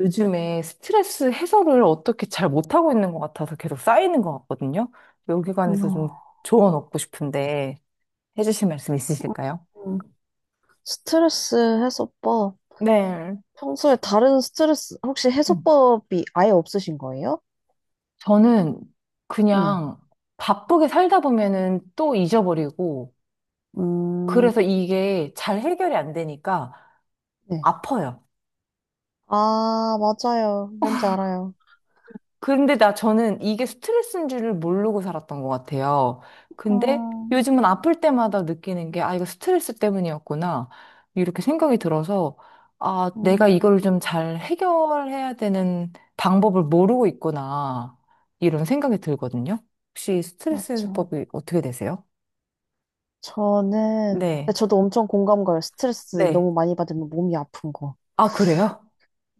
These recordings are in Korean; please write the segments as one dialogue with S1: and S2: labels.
S1: 요즘에 스트레스 해소를 어떻게 잘 못하고 있는 것 같아서 계속 쌓이는 것 같거든요. 여기 관해서 좀
S2: 어,
S1: 조언 얻고 싶은데 해주실 말씀 있으실까요?
S2: 음. 스트레스 해소법.
S1: 네.
S2: 평소에 다른 스트레스, 혹시
S1: 음.
S2: 해소법이 아예 없으신 거예요?
S1: 저는
S2: 네.
S1: 그냥 바쁘게 살다 보면은 또 잊어버리고 그래서
S2: 음,
S1: 이게 잘 해결이 안 되니까
S2: 네.
S1: 아파요.
S2: 아, 맞아요. 뭔지 알아요.
S1: 근데 나 저는 이게 스트레스인 줄을 모르고 살았던 것 같아요. 근데
S2: 음,
S1: 요즘은 아플 때마다 느끼는 게, 아, 이거 스트레스 때문이었구나. 이렇게 생각이 들어서, 아, 내가
S2: 음,
S1: 이걸 좀 잘 해결해야 되는 방법을 모르고 있구나. 이런 생각이 들거든요. 혹시 스트레스
S2: 맞죠.
S1: 해소법이 어떻게 되세요?
S2: 저는, 근데
S1: 네.
S2: 저도 엄청 공감 가요. 스트레스
S1: 네.
S2: 너무 많이 받으면 몸이 아픈 거.
S1: 아, 그래요?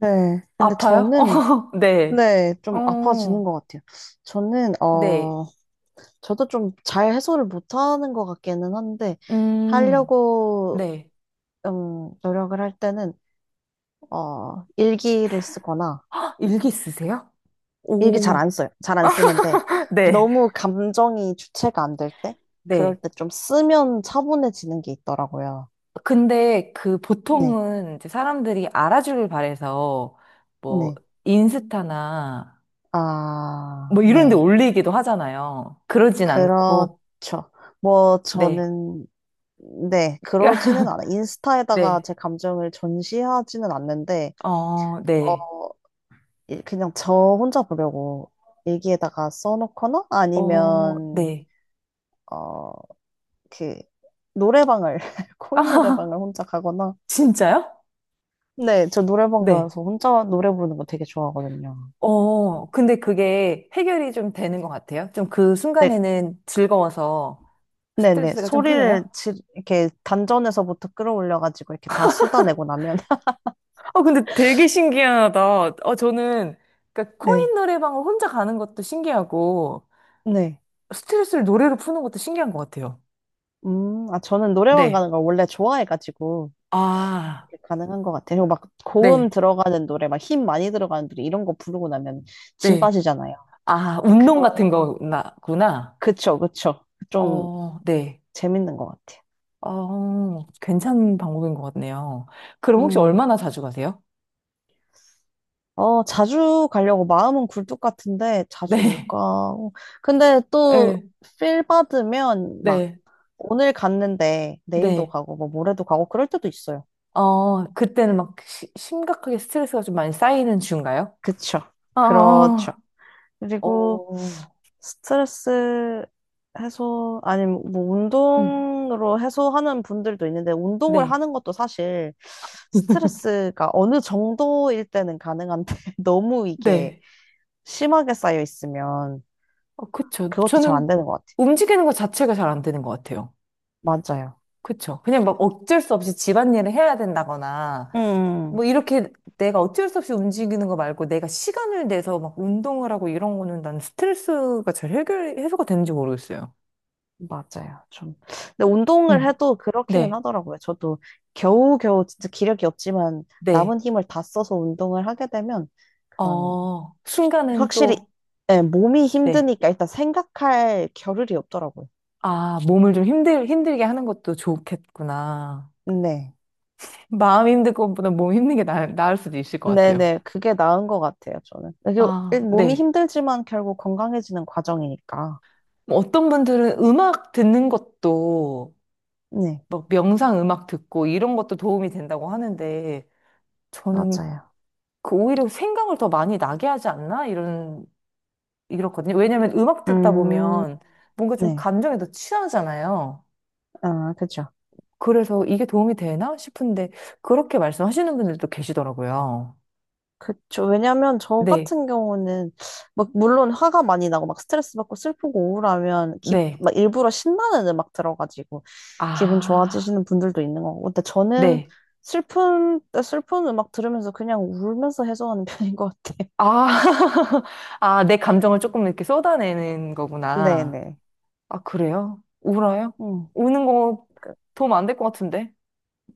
S2: 네. 근데
S1: 아파요?
S2: 저는,
S1: 어, 네.
S2: 네, 좀 아파지는
S1: 어,
S2: 것 같아요. 저는,
S1: 네.
S2: 어, 저도 좀 잘 해소를 못하는 것 같기는 한데
S1: 음,
S2: 하려고
S1: 네.
S2: 노력을 할 때는 일기를 쓰거나
S1: 헉, 일기 쓰세요?
S2: 일기 잘
S1: 오.
S2: 안 써요. 잘 안 쓰는데
S1: 네.
S2: 너무 감정이 주체가 안 될 때,
S1: 네.
S2: 그럴 때 좀 쓰면 차분해지는 게 있더라고요.
S1: 근데 그
S2: 네,
S1: 보통은 이제 사람들이 알아주길 바래서 뭐
S2: 네,
S1: 인스타나
S2: 아,
S1: 뭐 이런 데
S2: 네,
S1: 올리기도 하잖아요. 그러진 않고,
S2: 그렇죠. 뭐
S1: 네.
S2: 저는 네, 그러지는 않아. 요 인스타에다가
S1: 네.
S2: 제 감정을 전시하지는 않는데.
S1: 어, 네.
S2: 어, 그냥 저 혼자 보려고 일기에다가 써놓거나
S1: 어,
S2: 아니면
S1: 네.
S2: 어 그 노래방을 코인
S1: 아,
S2: 노래방을 혼자 가거나
S1: 진짜요?
S2: 네, 저 노래방
S1: 네.
S2: 가서 혼자 노래 부르는 거 되게 좋아하거든요.
S1: 어, 근데 그게 해결이 좀 되는 것 같아요. 좀 그
S2: 네,
S1: 순간에는 즐거워서
S2: 네네
S1: 스트레스가 좀 풀려요?
S2: 이렇게 단전에서부터 끌어올려가지고 이렇게 다 쏟아내고 나면
S1: 어, 근데 되게 신기하다. 어, 저는, 그러니까
S2: 네,
S1: 코인 노래방을 혼자 가는 것도 신기하고,
S2: 네.
S1: 스트레스를 노래로 푸는 것도 신기한 것 같아요.
S2: 아 저는 노래방
S1: 네.
S2: 가는 걸 원래 좋아해가지고
S1: 아,
S2: 이렇게 가능한 것 같아요. 그리고 막 고음
S1: 네,
S2: 들어가는 노래, 막 힘 많이 들어가는 노래 이런 거 부르고 나면 진
S1: 네.
S2: 빠지잖아요.
S1: 아,
S2: 근데
S1: 운동 같은
S2: 그런,
S1: 거구나.
S2: 그쵸, 그쵸. 좀
S1: 어, 네.
S2: 재밌는 것 같아요.
S1: 어, 괜찮은 방법인 것 같네요. 그럼 혹시
S2: 음.
S1: 얼마나 자주 가세요?
S2: 어, 자주 가려고 마음은 굴뚝 같은데 자주 못
S1: 네,
S2: 가고. 근데 또
S1: 네,
S2: 필 받으면 막
S1: 네,
S2: 오늘 갔는데 내일도
S1: 네.
S2: 가고 뭐 모레도 가고 그럴 때도 있어요.
S1: 어, 그때는 막 심각하게 스트레스가 좀 많이 쌓이는 중인가요?
S2: 그쵸. 그렇죠.
S1: 아,
S2: 그리고
S1: 어,
S2: 스트레스 해소, 아니, 뭐,
S1: 음,
S2: 운동으로 해소하는 분들도 있는데, 운동을
S1: 네.
S2: 하는 것도 사실 스트레스가 어느 정도일 때는 가능한데, 너무 이게
S1: 네.
S2: 심하게 쌓여 있으면
S1: 어, 그쵸.
S2: 그것도 잘
S1: 저는
S2: 안 되는 것
S1: 움직이는 것 자체가 잘 안 되는 것 같아요.
S2: 같아요. 맞아요.
S1: 그쵸. 그냥 막 어쩔 수 없이 집안일을 해야 된다거나,
S2: 음, 음.
S1: 뭐 이렇게 내가 어쩔 수 없이 움직이는 거 말고 내가 시간을 내서 막 운동을 하고 이런 거는 난 스트레스가 잘 해결, 해소가 되는지 모르겠어요.
S2: 맞아요. 좀. 근데
S1: 음.
S2: 운동을 해도 그렇기는
S1: 네.
S2: 하더라고요. 저도 겨우겨우 진짜 기력이 없지만
S1: 네.
S2: 남은 힘을 다 써서 운동을 하게 되면 그런
S1: 어, 순간은
S2: 확실히
S1: 또,
S2: 네, 몸이
S1: 네.
S2: 힘드니까 일단 생각할 겨를이 없더라고요.
S1: 아, 몸을 좀 힘들게 하는 것도 좋겠구나.
S2: 네.
S1: 마음 힘든 것보다 몸 힘든 게 나을 수도 있을 것 같아요.
S2: 네네, 그게 나은 것 같아요, 저는. 그리고
S1: 아,
S2: 몸이
S1: 네.
S2: 힘들지만 결국 건강해지는 과정이니까.
S1: 뭐 어떤 분들은 음악 듣는 것도
S2: 네,
S1: 막 명상 음악 듣고 이런 것도 도움이 된다고 하는데 저는
S2: 맞아요.
S1: 그 오히려 생각을 더 많이 나게 하지 않나? 이런, 이렇거든요. 왜냐면 음악 듣다
S2: 음,
S1: 보면 뭔가 좀
S2: 네.
S1: 감정에 더 취하잖아요.
S2: 아, 그쵸.
S1: 그래서 이게 도움이 되나 싶은데 그렇게 말씀하시는 분들도 계시더라고요.
S2: 그쵸. 왜냐면 저
S1: 네,
S2: 같은 경우는 막 물론 화가 많이 나고 막 스트레스 받고 슬프고 우울하면
S1: 네.
S2: 막 일부러 신나는 음악 들어가지고 기분
S1: 아,
S2: 좋아지시는 분들도 있는 거고. 근데 저는
S1: 네.
S2: 슬픈 때 슬픈 음악 들으면서 그냥 울면서 해소하는 편인 것 같아요.
S1: 아, 아, 내 감정을 조금 이렇게 쏟아내는 거구나.
S2: 네네.
S1: 아, 그래요? 울어요?
S2: 음.
S1: 우는 거
S2: 그
S1: 도움 안 될 것 같은데?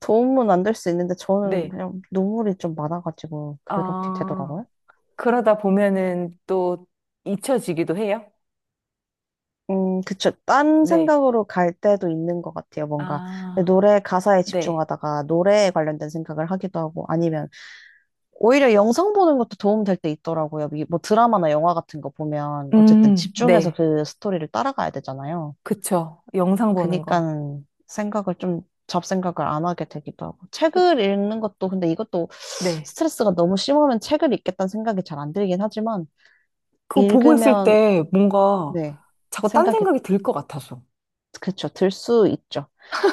S2: 도움은 안 될 수 있는데 저는
S1: 네.
S2: 그냥 눈물이 좀 많아가지고 그렇게
S1: 아,
S2: 되더라고요.
S1: 그러다 보면은 또 잊혀지기도 해요?
S2: 그쵸. 딴
S1: 네.
S2: 생각으로 갈 때도 있는 것 같아요. 뭔가
S1: 아,
S2: 노래 가사에
S1: 네.
S2: 집중하다가 노래에 관련된 생각을 하기도 하고 아니면 오히려 영상 보는 것도 도움 될 때 있더라고요. 뭐 드라마나 영화 같은 거 보면 어쨌든 집중해서
S1: 네.
S2: 그 스토리를 따라가야 되잖아요.
S1: 그쵸. 영상 보는 거.
S2: 그니까 생각을 좀 잡생각을 안 하게 되기도 하고 책을 읽는 것도 근데 이것도
S1: 네.
S2: 스트레스가 너무 심하면 책을 읽겠다는 생각이 잘 안 들긴 하지만
S1: 그거 보고 있을
S2: 읽으면
S1: 때 뭔가
S2: 네.
S1: 자꾸 딴
S2: 생각이
S1: 생각이 들 것 같아서.
S2: 그렇죠. 들 수 있죠.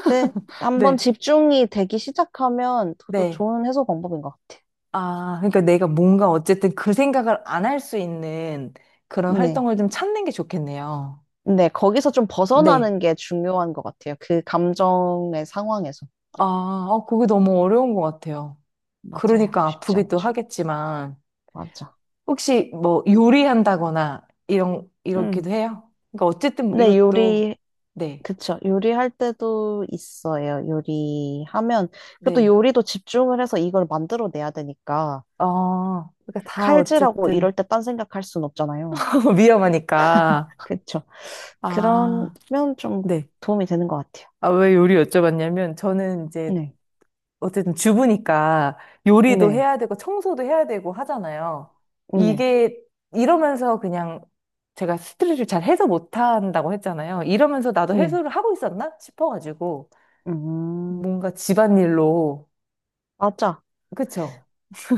S2: 근데 한번
S1: 네.
S2: 집중이 되기 시작하면 그것도
S1: 네.
S2: 좋은 해소 방법인 것 같아요.
S1: 아, 그러니까 내가 뭔가 어쨌든 그 생각을 안 할 수 있는 그런
S2: 네.
S1: 활동을 좀 찾는 게 좋겠네요.
S2: 네, 거기서 좀
S1: 네.
S2: 벗어나는 게 중요한 것 같아요. 그 감정의 상황에서.
S1: 아, 어, 그게 너무 어려운 것 같아요.
S2: 맞아요.
S1: 그러니까
S2: 쉽지
S1: 아프기도
S2: 않죠.
S1: 하겠지만,
S2: 맞아.
S1: 혹시 뭐 요리한다거나, 이러기도
S2: 음.
S1: 해요? 그러니까 어쨌든 뭐
S2: 네,
S1: 이것도, 네,
S2: 그쵸. 요리할 때도 있어요. 요리하면. 그것도
S1: 네.
S2: 요리도 집중을 해서 이걸 만들어내야 되니까.
S1: 어, 그러니까 다
S2: 칼질하고 이럴
S1: 어쨌든
S2: 때 딴 생각할 순 없잖아요.
S1: 위험하니까.
S2: 그쵸. 그러면
S1: 아,
S2: 좀
S1: 네.
S2: 도움이 되는 것 같아요.
S1: 아, 왜 요리 여쭤봤냐면, 저는 이제
S2: 네.
S1: 어쨌든 주부니까 요리도
S2: 네,
S1: 해야 되고 청소도 해야 되고 하잖아요.
S2: 네,
S1: 이게 이러면서 그냥 제가 스트레스를 잘 해소 못 한다고 했잖아요. 이러면서 나도
S2: 네.
S1: 해소를 하고 있었나 싶어가지고
S2: 음,
S1: 뭔가 집안일로
S2: 맞아.
S1: 그쵸?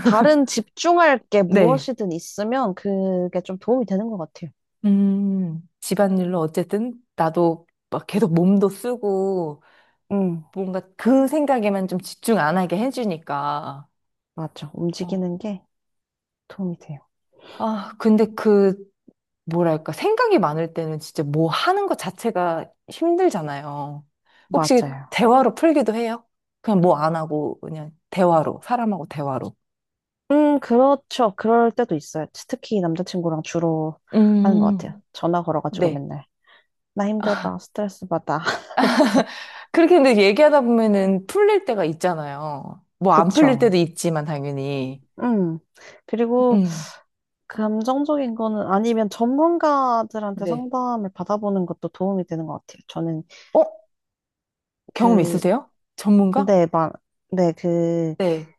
S2: 다른 집중할 게
S1: 네.
S2: 무엇이든 있으면 그게 좀 도움이 되는 것 같아요.
S1: 집안일로 어쨌든 나도 막 계속 몸도 쓰고
S2: 음,
S1: 뭔가 그 생각에만 좀 집중 안 하게 해주니까.
S2: 맞아.
S1: 어.
S2: 움직이는 게 도움이 돼요.
S1: 아, 근데 그 뭐랄까, 생각이 많을 때는 진짜 뭐 하는 것 자체가 힘들잖아요. 혹시
S2: 맞아요.
S1: 대화로 풀기도 해요? 그냥 뭐 안 하고, 그냥 대화로, 사람하고 대화로.
S2: 그렇죠. 그럴 때도 있어요. 특히 남자친구랑 주로 하는 것 같아요.
S1: 음,
S2: 전화 걸어가지고
S1: 네.
S2: 맨날. 나 힘들어. 스트레스 받아. 하면서.
S1: 그렇게 근데 얘기하다 보면은 풀릴 때가 있잖아요. 뭐 안 풀릴 때도
S2: 그쵸.
S1: 있지만, 당연히.
S2: 음. 그리고
S1: 음,
S2: 감정적인 거는 아니면 전문가들한테
S1: 네.
S2: 상담을 받아보는 것도 도움이 되는 것 같아요. 저는
S1: 어? 경험
S2: 그
S1: 있으세요? 전문가?
S2: 네, 막, 네, 그,
S1: 네.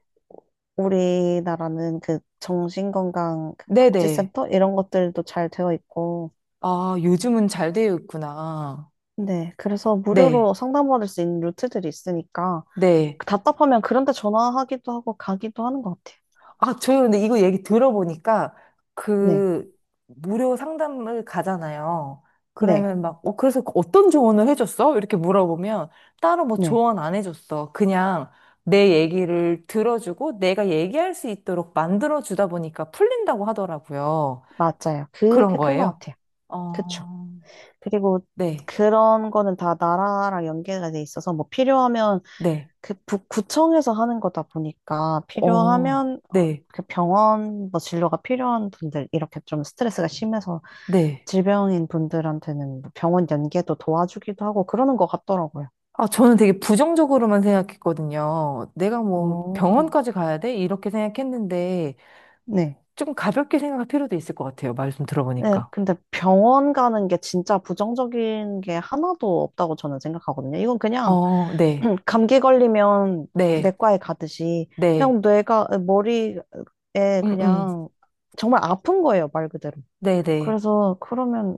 S2: 우리나라는 그 정신건강 그
S1: 네네.
S2: 복지센터? 이런 것들도 잘 되어 있고,
S1: 아, 요즘은 잘 되어 있구나.
S2: 네, 그래서
S1: 네.
S2: 무료로 상담받을 수 있는 루트들이 있으니까,
S1: 네.
S2: 답답하면 그런 데 전화하기도 하고 가기도 하는 것 같아요.
S1: 아, 저 근데 이거 얘기 들어보니까
S2: 네,
S1: 그 무료 상담을 가잖아요.
S2: 네,
S1: 그러면 막, 어, 그래서 어떤 조언을 해줬어? 이렇게 물어보면 따로 뭐
S2: 네,
S1: 조언 안 해줬어. 그냥 내 얘기를 들어주고 내가 얘기할 수 있도록 만들어주다 보니까 풀린다고 하더라고요.
S2: 맞아요.
S1: 그런
S2: 그게 큰 것
S1: 거예요.
S2: 같아요. 그쵸.
S1: 어,
S2: 그리고
S1: 네,
S2: 그런 거는 다 나라랑 연계가 돼 있어서, 뭐 필요하면
S1: 네,
S2: 그 구청에서 하는 거다 보니까
S1: 어,
S2: 필요하면
S1: 네,
S2: 그 병원 뭐 진료가 필요한 분들 이렇게 좀 스트레스가 심해서
S1: 네.
S2: 질병인 분들한테는 뭐 병원 연계도 도와주기도 하고 그러는 것 같더라고요.
S1: 아, 저는 되게 부정적으로만 생각했거든요. 내가 뭐
S2: 오
S1: 병원까지 가야 돼? 이렇게 생각했는데,
S2: 네.
S1: 조금 가볍게 생각할 필요도 있을 것 같아요. 말씀
S2: 네,
S1: 들어보니까.
S2: 근데 병원 가는 게 진짜 부정적인 게 하나도 없다고 저는 생각하거든요. 이건 그냥
S1: 어, 네,
S2: 감기 걸리면
S1: 네,
S2: 내과에 가듯이
S1: 네,
S2: 그냥 뇌가 머리에
S1: 음, 음,
S2: 그냥 정말 아픈 거예요, 말 그대로.
S1: 네, 네,
S2: 그래서 그러면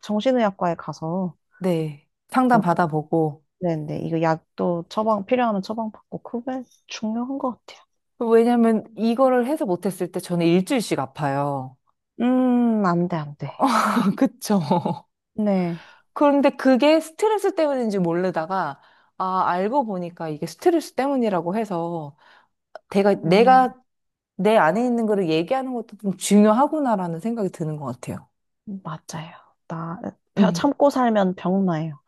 S2: 정신의학과에 가서
S1: 네. 상담
S2: 그걸 곧
S1: 받아보고.
S2: 내는데 이거 약도 처방 필요하면 처방 받고 그게 중요한 것 같아요.
S1: 왜냐면 이거를 해서 못했을 때 저는 일주일씩 아파요.
S2: 안 돼, 안 돼.
S1: 그쵸.
S2: 네,
S1: 그런데 그게 스트레스 때문인지 모르다가, 아, 알고 보니까 이게 스트레스 때문이라고 해서, 내가
S2: 음,
S1: 내 안에 있는 거를 얘기하는 것도 좀 중요하구나라는 생각이 드는 것 같아요.
S2: 맞아요. 나
S1: 음.
S2: 참고 살면 병나요.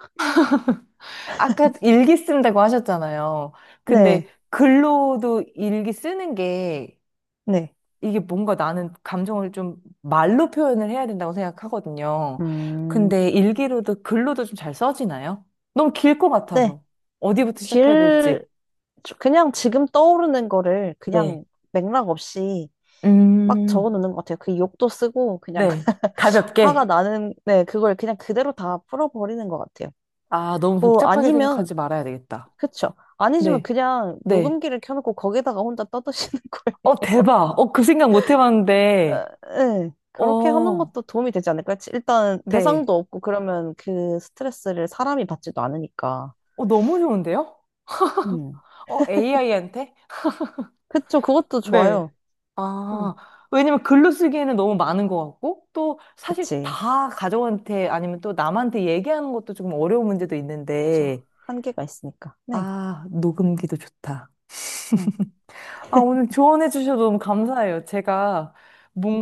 S1: 아까 일기 쓴다고 하셨잖아요.
S2: 네,
S1: 근데 글로도 일기 쓰는 게
S2: 네,
S1: 이게 뭔가 나는 감정을 좀 말로 표현을 해야 된다고 생각하거든요.
S2: 음,
S1: 근데 일기로도 글로도 좀 잘 써지나요? 너무 길 것
S2: 네.
S1: 같아서. 어디부터 시작해야
S2: 길
S1: 될지.
S2: 그냥 지금 떠오르는 거를
S1: 네.
S2: 그냥 맥락 없이 막
S1: 음,
S2: 적어놓는 것 같아요. 그 욕도 쓰고 그냥
S1: 네.
S2: 화가
S1: 가볍게.
S2: 나는 네 그걸 그냥 그대로 다 풀어버리는 것 같아요.
S1: 아, 너무
S2: 뭐
S1: 복잡하게
S2: 아니면
S1: 생각하지 말아야 되겠다.
S2: 그쵸. 아니시면
S1: 네.
S2: 그냥
S1: 네.
S2: 녹음기를 켜놓고 거기다가 혼자 떠드시는
S1: 어,
S2: 거예요.
S1: 대박. 어, 그 생각 못 해봤는데.
S2: 에, 그렇게 하는
S1: 어,
S2: 것도 도움이 되지 않을까요? 일단
S1: 네.
S2: 대상도 없고 그러면 그 스트레스를 사람이 받지도 않으니까.
S1: 어, 너무 좋은데요?
S2: 음.
S1: 어, AI한테?
S2: 그쵸. 그것도
S1: 네.
S2: 좋아요. 음.
S1: 아, 왜냐면 글로 쓰기에는 너무 많은 것 같고, 또 사실
S2: 그치.
S1: 다 가족한테 아니면 또 남한테 얘기하는 것도 조금 어려운 문제도
S2: 그쵸.
S1: 있는데,
S2: 한계가 있으니까. 네.
S1: 아, 녹음기도 좋다.
S2: 음.
S1: 아, 오늘 조언해 주셔서 너무 감사해요. 제가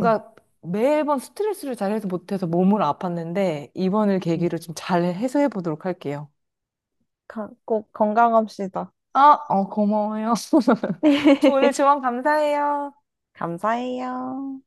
S2: 네.
S1: 매번 스트레스를 잘 해소 못해서 몸으로 아팠는데, 이번을
S2: 네.
S1: 계기로 좀 잘 해소해 보도록 할게요.
S2: 꼭 건강합시다.
S1: 아, 어, 고마워요. 오늘 조언 감사해요.
S2: 감사해요.